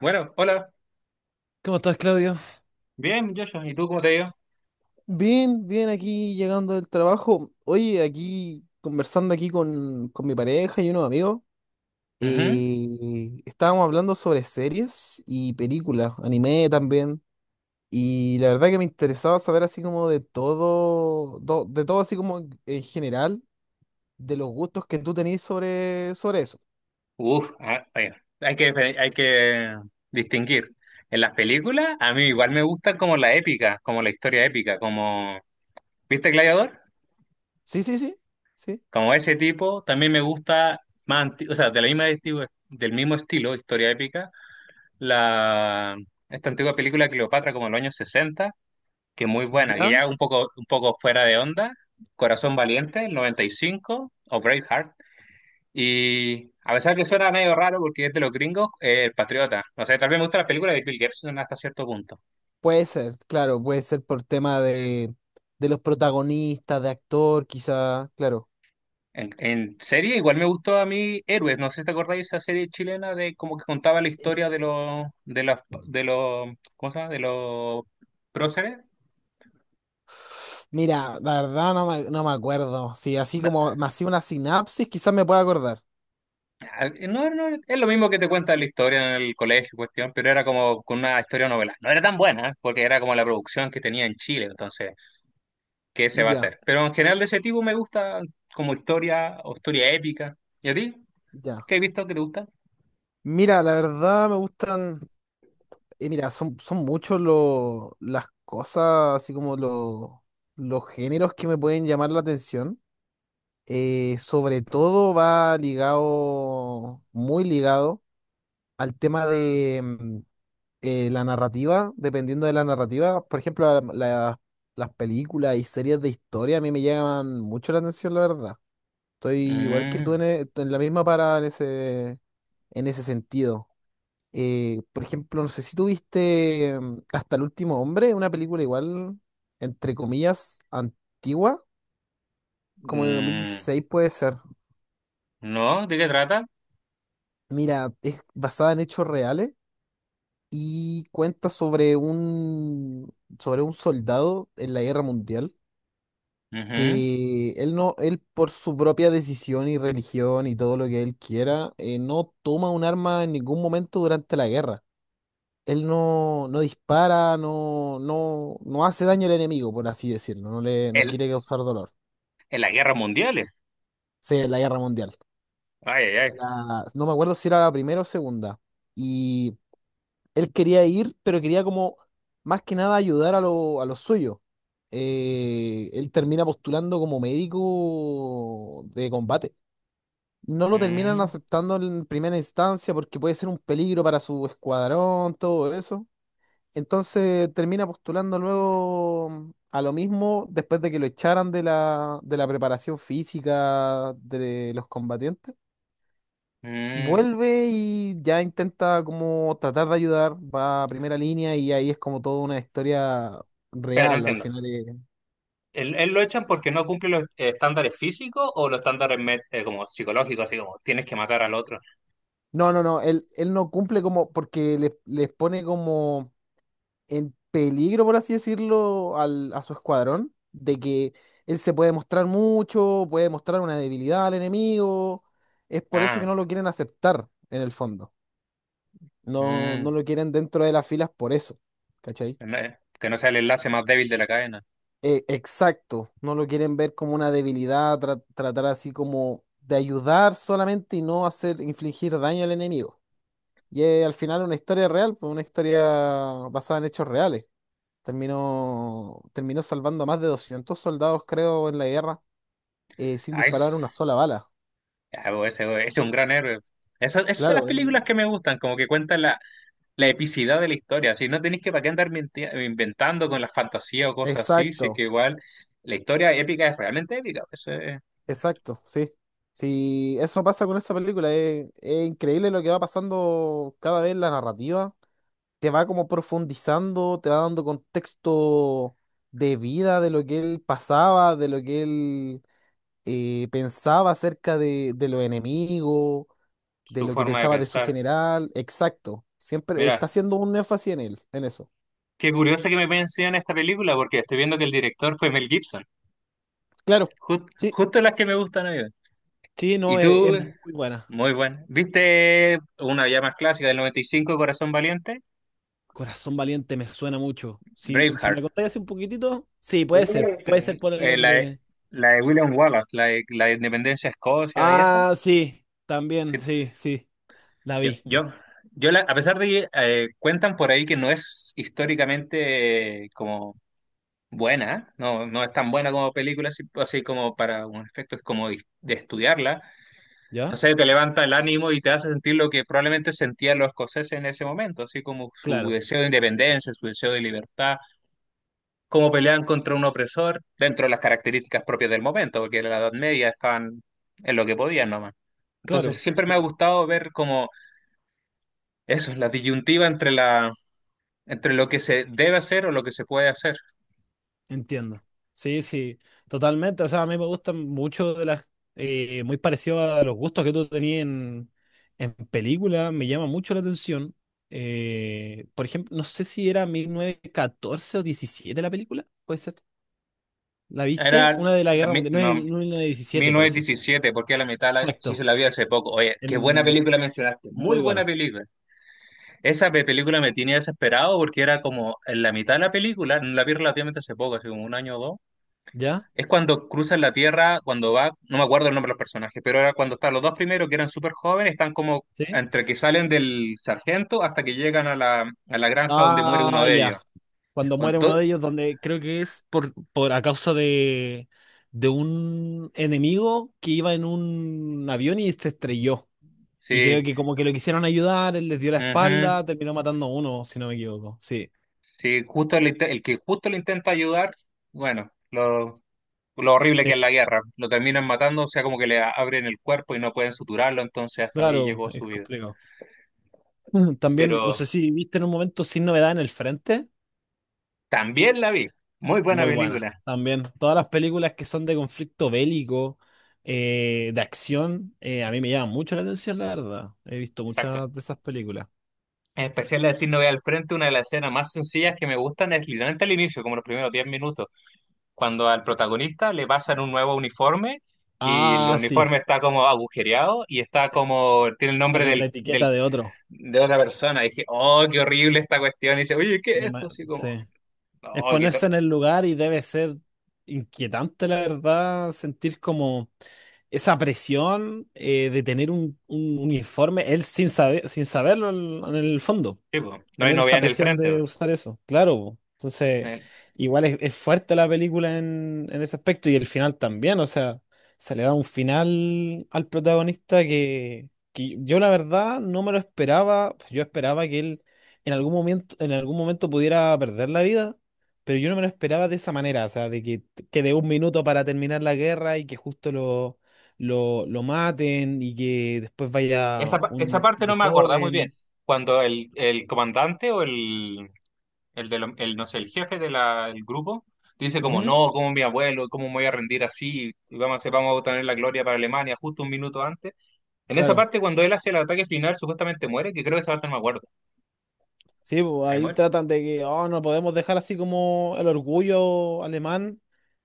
Bueno, hola. ¿Cómo estás, Claudio? Bien, Joshua. ¿Y tú cómo te ha ido? Bien, bien aquí llegando del trabajo. Oye, aquí conversando aquí con mi pareja y unos amigos. Ujú. Estábamos hablando sobre series y películas, anime también. Y la verdad que me interesaba saber así como de todo, de todo así como en general, de los gustos que tú tenés sobre eso. Uf, ah, bueno, hay que, hay que distinguir. En las películas, a mí igual me gusta como la épica, como la historia épica, como. ¿Viste Gladiador? Sí, sí, sí, sí. Como ese tipo, también me gusta más, o sea, de la misma del mismo estilo, historia épica, la esta antigua película de Cleopatra como de los años 60, que es muy buena, que Ya, ya un poco fuera de onda, Corazón Valiente, el 95 o Braveheart. Y a pesar que suena medio raro porque es de los gringos, El Patriota. No sé, tal vez me gusta la película de Bill Gibson hasta cierto punto. puede ser, claro, puede ser por tema de, los protagonistas, de actor, quizá, claro. En serie, igual me gustó a mí Héroes. No sé si te acordáis esa serie chilena de como que contaba la historia de los, ¿cómo se llama? De los próceres. Mira, la verdad no me acuerdo. Si así No, como me hacía una sinapsis, quizás me pueda acordar. no, no, es lo mismo que te cuenta la historia en el colegio, cuestión, pero era como con una historia novela. No era tan buena, porque era como la producción que tenía en Chile, entonces qué se va a Ya, hacer. Pero en general de ese tipo me gusta como historia o historia épica. ¿Y a ti? ya. ¿Qué he visto que te gusta? Mira, la verdad me gustan. Mira, son, muchos los las cosas, así como los géneros que me pueden llamar la atención. Sobre todo va ligado, muy ligado al tema de la narrativa, dependiendo de la narrativa. Por ejemplo, las películas y series de historia a mí me llaman mucho la atención, la verdad. Estoy igual que tú Mm, en, en la misma parada en ese, sentido. Por ejemplo, no sé si tuviste Hasta el Último Hombre, una película igual, entre comillas, antigua, como de dos mil mm, dieciséis puede ser. ¿no? ¿De qué trata? Mira, es basada en hechos reales y cuenta sobre un soldado en la guerra mundial Ujú. que él no, él por su propia decisión y religión y todo lo que él quiera, no toma un arma en ningún momento durante la guerra. Él no dispara, no hace daño al enemigo, por así decirlo, no le, no El, quiere causar dolor. O en las guerras mundiales. sea, la guerra mundial. Ay, ay, ay. No me acuerdo si era la primera o segunda. Y él quería ir, pero quería como más que nada ayudar a los suyos. Él termina postulando como médico de combate. No lo terminan aceptando en primera instancia porque puede ser un peligro para su escuadrón, todo eso. Entonces termina postulando luego a lo mismo después de que lo echaran de la, preparación física de los combatientes. Mm, mm. Vuelve y ya intenta como tratar de ayudar, va a primera línea y ahí es como toda una historia Pero no real al entiendo. final. ¿Él lo echan porque no cumple los estándares físicos o los estándares como psicológicos, así como tienes que matar al otro? No, no, no, él no cumple como porque les pone como en peligro, por así decirlo, a su escuadrón, de que él se puede mostrar mucho, puede mostrar una debilidad al enemigo. Es por eso que Ah, no lo quieren aceptar, en el fondo. No, no mm, lo quieren dentro de las filas por eso, ¿cachai? no, que no sea el enlace más débil de la cadena. Exacto, no lo quieren ver como una debilidad, tratar así como de ayudar solamente y no hacer infligir daño al enemigo. Y es al final una historia real, pues, una historia basada en hechos reales. Terminó salvando a más de 200 soldados, creo, en la guerra, sin Ay, disparar una sola bala. ah, bo, ese es un gran héroe. Esas, esas son las Claro, películas que me gustan, como que cuentan la, la epicidad de la historia. Si no tenéis que para qué andar inventando con la fantasía o cosas así, si es que exacto, igual la historia épica es realmente épica. Esa es exacto, sí. Sí, eso pasa con esa película. Es, increíble lo que va pasando cada vez en la narrativa. Te va como profundizando, te va dando contexto de vida, de lo que él pasaba, de lo que él pensaba acerca de, los enemigos, de su lo que forma de pensaba de su pensar. general, exacto. Siempre está Mira, haciendo un énfasis en él, en eso. qué curioso que me mencionen esta película, porque estoy viendo que el director fue Mel Gibson. Claro, sí, Justo las que me gustan a mí. sí, Y no, es, tú, es muy buena. muy bueno. ¿Viste una ya más clásica del 95, Corazón Valiente? Corazón Valiente me suena mucho. Si me Braveheart. contáis hace un poquitito, sí, Yo creo que puede ser por el nombre. la de William Wallace, la de la Independencia de Escocia y eso. Ah, sí, también, Sí, sí, sí, la yo, vi. yo, yo a pesar de que cuentan por ahí que no es históricamente como buena, no, no es tan buena como película, así, así como para un efecto es como de estudiarla. ¿Ya? No sé, te levanta el ánimo y te hace sentir lo que probablemente sentían los escoceses en ese momento, así como su Claro, deseo de independencia, su deseo de libertad, cómo peleaban contra un opresor dentro de las características propias del momento, porque en la Edad Media estaban en lo que podían nomás. Entonces claro. siempre me ha Sí. gustado ver como eso, la disyuntiva entre la entre lo que se debe hacer o lo que se puede hacer. Entiendo. Sí, sí, totalmente. O sea, a mí me gustan mucho de las. Muy parecido a los gustos que tú tenías en, película. Me llama mucho la atención. Por ejemplo, no sé si era 1914 o 17 la película. Puede ser. ¿La viste? Era Una de la Guerra Mundial. No, mil no, novecientos mil diecisiete novecientos parece. diecisiete porque a la mitad la, sí se Exacto. la vi hace poco. Oye, qué buena En- película mencionaste, muy muy buena buena. película. Esa película me tenía desesperado porque era como en la mitad de la película, no la vi relativamente hace poco, hace como un año o dos. ¿Ya? Es cuando cruzan la Tierra, cuando va, no me acuerdo el nombre de los personajes, pero era cuando están los dos primeros, que eran súper jóvenes, están como ¿Sí? entre que salen del sargento hasta que llegan a la granja donde muere uno Ah, de ellos. ya. Cuando muere uno Entonces, de ellos, donde creo que es por, a causa de un enemigo que iba en un avión y se estrelló. Y creo sí, que como que lo quisieron ayudar, él les dio la ujú, espalda, terminó matando a uno, si no me equivoco. Sí, sí, justo el, el que justo le intenta ayudar, bueno, lo horrible que es sí, la guerra, lo terminan matando, o sea, como que le abren el cuerpo y no pueden suturarlo, entonces hasta ahí claro, llegó es su vida. complicado. Ujú. También, no sé Pero si viste en un momento Sin Novedad en el Frente, también la vi, muy buena muy buena. película, También, todas las películas que son de conflicto bélico, de acción, a mí me llaman mucho la atención, la verdad. He visto exacto. muchas de esas películas. En especial la de Sin Novedad al Frente, una de las escenas más sencillas que me gustan es literalmente al inicio, como los primeros 10 minutos, cuando al protagonista le pasan un nuevo uniforme y el Ah, sí, uniforme está como agujereado y está como, tiene el la nombre con la etiqueta de otro. de otra persona. Y dije, oh, qué horrible esta cuestión. Y dice, oye, ¿qué es Me esto? ima- Así como, sí. no, Es qué tal". ponerse en el lugar y debe ser inquietante, la verdad, sentir como esa presión de tener un, uniforme, él sin saber, sin saberlo en el fondo. Sí, po, no hay Tener novedad esa en el presión frente, de po. usar eso, claro, po. Entonces, Eh, igual es, fuerte la película en ese aspecto y el final también, o sea, se le da un final al protagonista que, yo la verdad no me lo esperaba, yo esperaba que él en algún momento pudiera perder la vida, pero yo no me lo esperaba de esa manera, o sea, de que de un minuto para terminar la guerra y que justo lo. Lo maten y que después vaya Esa, esa un parte chico no me acordaba muy bien. joven. Cuando el comandante o el el, no sé, el jefe del grupo, dice como, Ujú, no, como mi abuelo, cómo me voy a rendir así, y vamos a, vamos a obtener la gloria para Alemania justo un minuto antes. En esa claro. parte, cuando él hace el ataque final, supuestamente muere, que creo que esa parte no me acuerdo. Sí, pues Ahí ahí muere. tratan de que, oh, no podemos dejar así como el orgullo alemán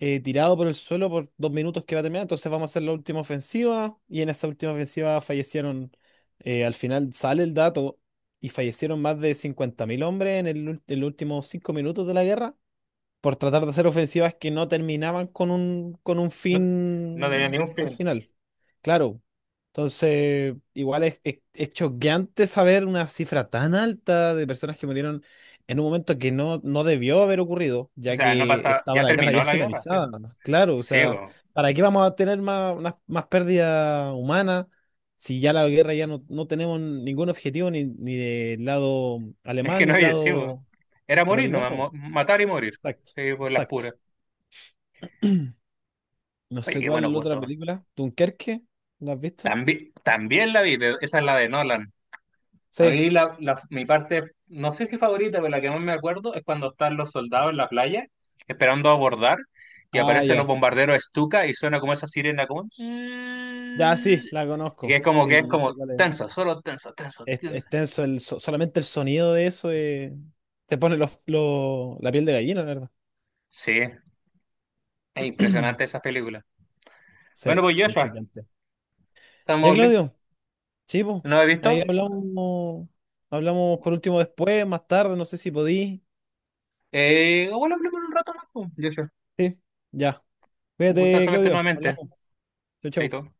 tirado por el suelo por 2 minutos que va a terminar. Entonces vamos a hacer la última ofensiva. Y en esa última ofensiva fallecieron, al final sale el dato, y fallecieron más de 50.000 hombres en en los últimos 5 minutos de la guerra por tratar de hacer ofensivas que no terminaban con un, No, no tenía fin ningún al fin. final. Claro. Entonces, igual es choqueante saber una cifra tan alta de personas que murieron en un momento que no debió haber ocurrido, O ya sea, no que pasaba, estaba ya la guerra terminó ya la guerra. Sí, bo. finalizada. Claro, o Sí, sea, po. ¿para qué vamos a tener más, pérdida humana si ya la guerra ya no, tenemos ningún objetivo ni del lado Es que alemán ni no del había, sí, po. lado Era morir nomás, americano? Matar y morir. Exacto, Sí, por las puras. exacto. No Oye, sé qué buenos cuál otra gustos. película. ¿Dunkerque? ¿La has visto? También, también la vi, pero esa es la de Nolan. A Sí. mí mi parte, no sé si favorita, pero la que más me acuerdo es cuando están los soldados en la playa esperando abordar y Ah, aparecen los ya. bombarderos Stuka y suena como esa sirena como... zzzz. Ya sí, la Y conozco. Que es Sí, ya como sé cuál es. tenso, solo tenso, tenso, Es, tenso. es tenso solamente el sonido de eso, te pone los, la piel de gallina, la verdad. Sí, es impresionante esa película. Bueno, Sí, pues son Joshua, choqueantes. Ya, estamos listos. Claudio, sí, po. ¿No lo he Ahí visto? hablamos por último después, más tarde, no sé si podí. Bueno, hablemos un rato más, pues, Joshua. Sí, ya. Un Cuídate, gustazo verte Claudio. nuevamente. Hablamos. Chau, chau. Chaito.